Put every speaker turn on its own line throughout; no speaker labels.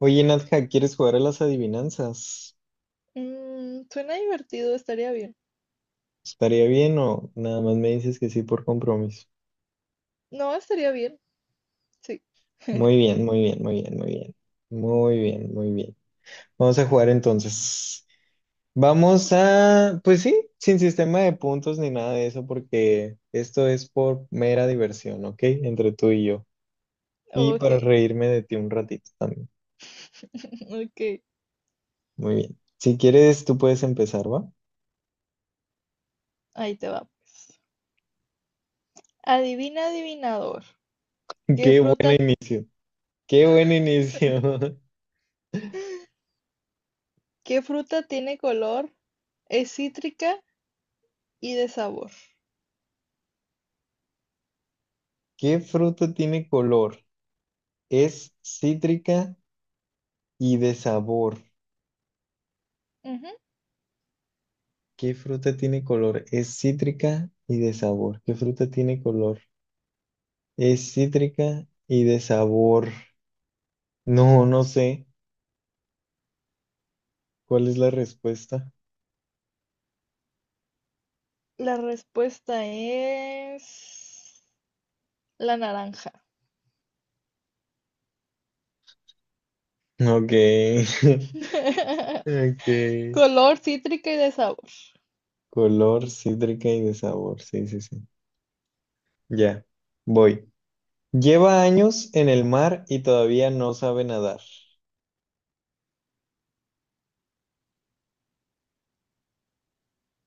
Oye, Nadja, ¿quieres jugar a las adivinanzas?
Mm, suena divertido, estaría bien.
¿Estaría bien o nada más me dices que sí por compromiso?
No, estaría bien. Sí.
Muy bien, muy bien, muy bien, muy bien. Muy bien, muy bien. Vamos a jugar entonces. Vamos a, pues sí, sin sistema de puntos ni nada de eso, porque esto es por mera diversión, ¿ok? Entre tú y yo. Y
Ok,
para reírme de ti un ratito también.
ok.
Muy bien. Si quieres, tú puedes empezar, ¿va?
Ahí te va. Pues. Adivina, adivinador. ¿Qué
Qué buen
fruta,
inicio. Qué buen inicio.
qué fruta tiene color? Es cítrica y de sabor.
¿Qué fruta tiene color? Es cítrica y de sabor.
Ujú.
¿Qué fruta tiene color? Es cítrica y de sabor. ¿Qué fruta tiene color? Es cítrica y de sabor. No, no sé. ¿Cuál es la respuesta?
La respuesta es la naranja.
Ok. Ok.
Color cítrica y de sabor.
Color, cítrica y de sabor. Sí, sí, sí. Ya. Voy. Lleva años en el mar y todavía no sabe nadar.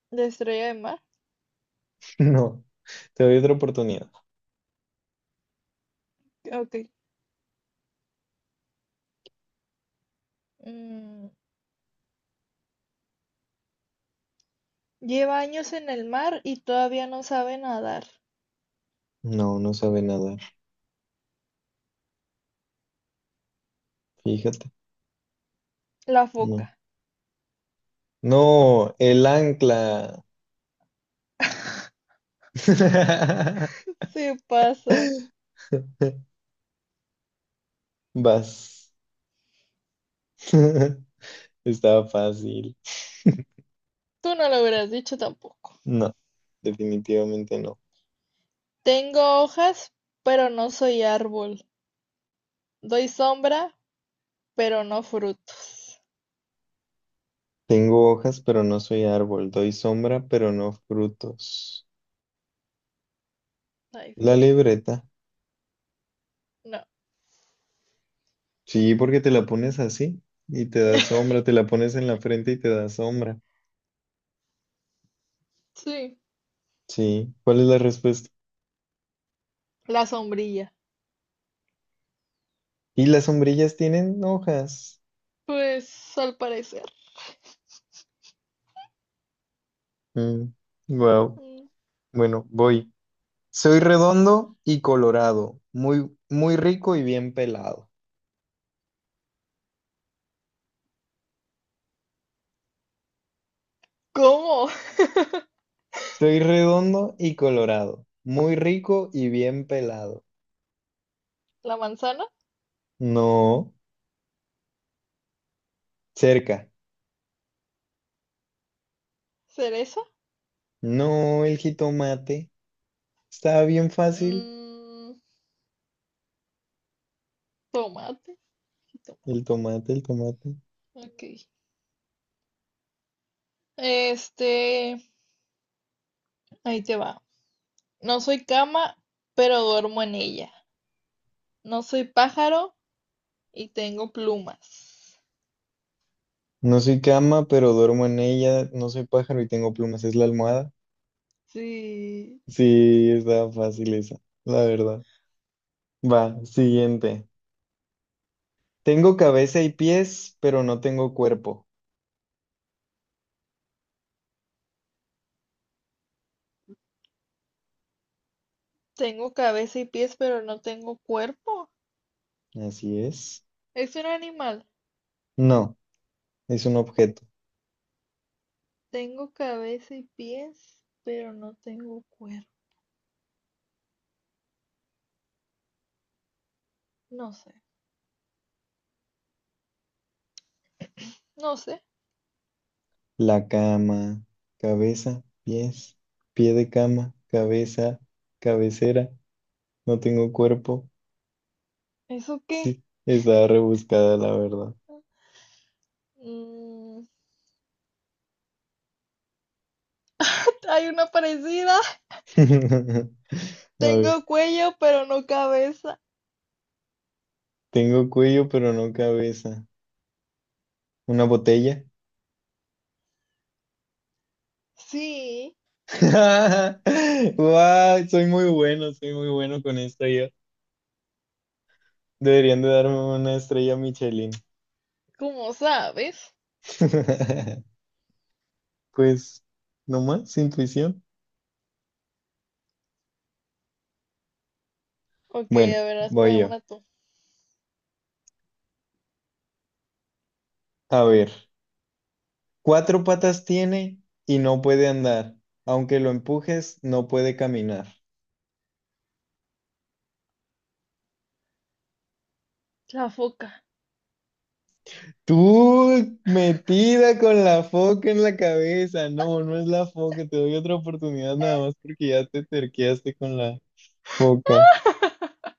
De estrella de mar.
No. Te doy otra oportunidad.
Ok. Mm, Lleva años en el mar y todavía no sabe nadar.
No, no sabe nadar. Fíjate.
La
No.
foca.
No, el ancla.
Sí pasa.
Vas. Estaba fácil.
Tú no lo hubieras dicho tampoco.
No, definitivamente no.
Tengo hojas, pero no soy árbol. Doy sombra, pero no frutos.
Tengo hojas, pero no soy árbol. Doy sombra, pero no frutos.
Está
La
difícil.
libreta.
No.
Sí, porque te la pones así y te da sombra. Te la pones en la frente y te da sombra.
Sí,
Sí. ¿Cuál es la respuesta?
la sombrilla.
Y las sombrillas tienen hojas.
Pues al parecer.
Wow.
Mm.
Bueno, voy. Soy redondo y colorado, muy, muy rico y bien pelado.
¿Cómo?
Soy redondo y colorado, muy rico y bien pelado.
¿La manzana?
No, cerca.
¿Cereza?
No, el jitomate. Está bien fácil.
Mm, tomate. Sí, tomate.
El tomate, el tomate.
Ok. Este, ahí te va. No soy cama, pero duermo en ella. No soy pájaro y tengo plumas.
No soy cama, pero duermo en ella. No soy pájaro y tengo plumas. Es la almohada.
Sí,
Sí, está fácil esa, la verdad. Va, siguiente. Tengo cabeza y pies, pero no tengo cuerpo.
tengo cabeza y pies, pero no tengo cuerpo.
Así es.
Es un animal.
No. Es un objeto.
Tengo cabeza y pies, pero no tengo cuerpo. No sé, no sé.
La cama, cabeza, pies, pie de cama, cabeza, cabecera. No tengo cuerpo.
¿Eso qué?
Sí, estaba rebuscada, la verdad.
Mm, hay una parecida.
A ver,
Tengo cuello, pero no cabeza.
tengo cuello, pero no cabeza. ¿Una botella?
Sí,
¡Wow! Soy muy bueno con esto yo. Deberían de darme una estrella Michelin.
¿cómo sabes?
Pues, no más intuición.
Ok,
Bueno,
a ver,
voy
hazme
yo.
una tú.
A ver. Cuatro patas tiene y no puede andar. Aunque lo empujes, no puede caminar.
La foca.
Tú metida con la foca en la cabeza. No, no es la foca. Te doy otra oportunidad nada más porque ya te terqueaste con la foca.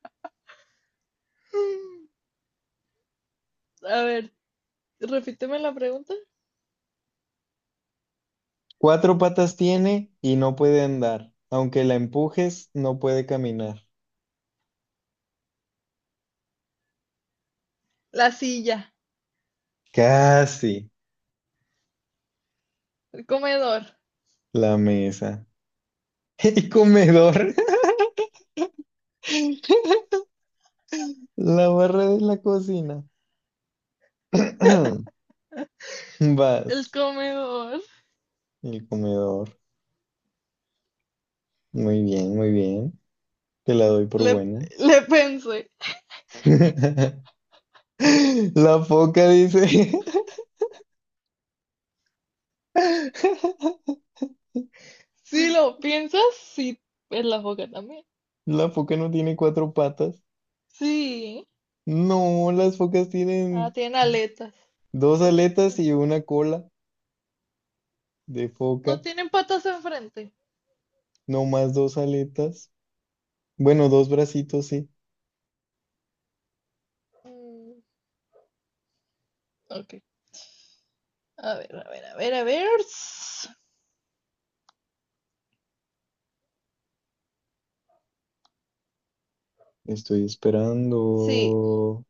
A ver, repíteme la pregunta.
Cuatro patas tiene y no puede andar. Aunque la empujes, no puede caminar.
La silla,
Casi
el comedor,
la mesa. El comedor. La barra de la cocina.
el
Vas.
comedor.
El comedor. Muy bien, muy bien. Te la doy por
Le,
buena.
le pensé.
La foca dice,
Si lo piensas, sí, es la foca también.
la foca no tiene cuatro patas.
Sí.
No, las focas
Ah,
tienen
tiene aletas.
dos
¿O qué
aletas
tiene?
y una cola de
No
foca.
tienen patas enfrente.
No más dos aletas. Bueno, dos bracitos, sí.
Mm, ok. A ver, a ver, a ver, a ver.
Estoy
Sí.
esperando.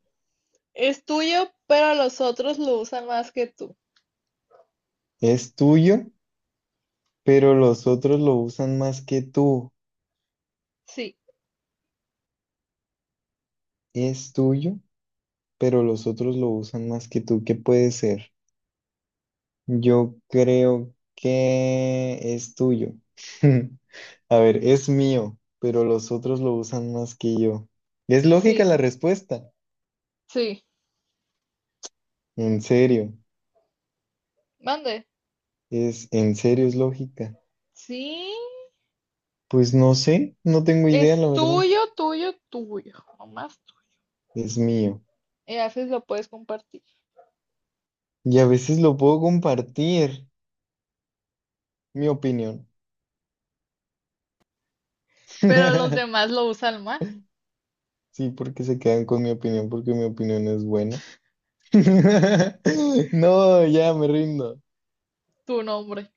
Es tuyo, pero los otros lo usan más que tú.
Es tuyo, pero los otros lo usan más que tú.
Sí,
Es tuyo, pero los otros lo usan más que tú. ¿Qué puede ser? Yo creo que es tuyo. A ver, es mío, pero los otros lo usan más que yo. Es lógica
sí,
la respuesta.
sí.
En serio,
Mande.
en serio es lógica.
Sí.
Pues no sé, no tengo idea,
Es
la verdad.
tuyo, tuyo, tuyo. Nomás tú.
Es mío.
Y a veces lo puedes compartir.
Y a veces lo puedo compartir, mi opinión.
Pero los demás lo usan más.
Sí, porque se quedan con mi opinión, porque mi opinión es buena. No, ya me rindo.
Tu nombre.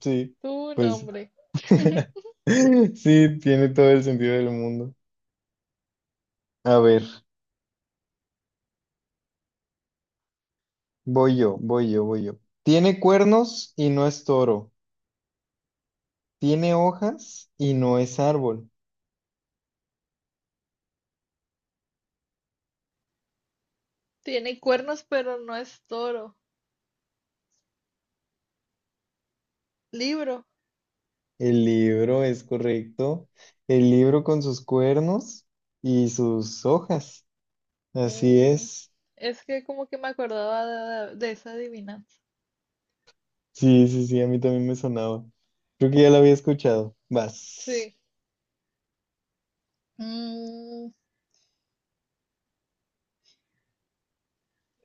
Sí,
Tu
pues.
nombre. Ujú.
Sí, tiene todo el sentido del mundo. A ver, voy yo, voy yo, voy yo. Tiene cuernos y no es toro. Tiene hojas y no es árbol.
Tiene cuernos, pero no es toro. Libro.
El libro es correcto. El libro con sus cuernos y sus hojas. Así
Mm,
es.
es que como que me acordaba de esa adivinanza.
Sí, sí, sí, a mí también me sonaba. Creo que ya lo había escuchado. Vas.
Sí. Mm,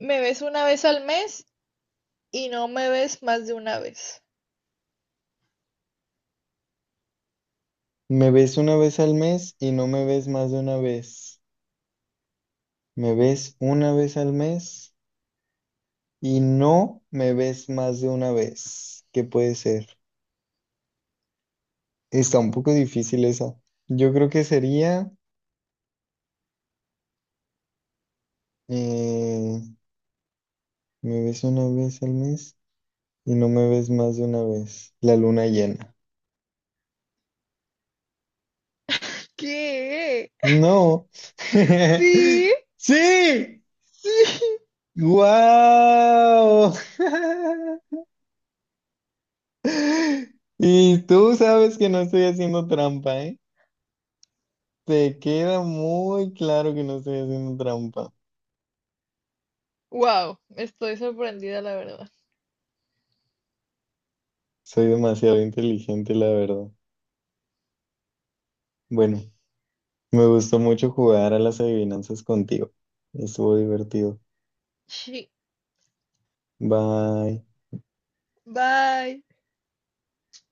me ves una vez al mes y no me ves más de una vez.
Me ves una vez al mes y no me ves más de una vez. Me ves una vez al mes y no me ves más de una vez. ¿Qué puede ser? Está un poco difícil esa. Yo creo que sería, eh, me ves una vez al mes y no me ves más de una vez. La luna llena.
¿Qué?
No.
Sí,
Sí.
sí.
¡Guau! Y tú sabes que no estoy haciendo trampa, ¿eh? Te queda muy claro que no estoy haciendo trampa.
Wow, estoy sorprendida, la verdad.
Soy demasiado inteligente, la verdad. Bueno, me gustó mucho jugar a las adivinanzas contigo. Estuvo divertido.
Sí.
Bye.
Bye.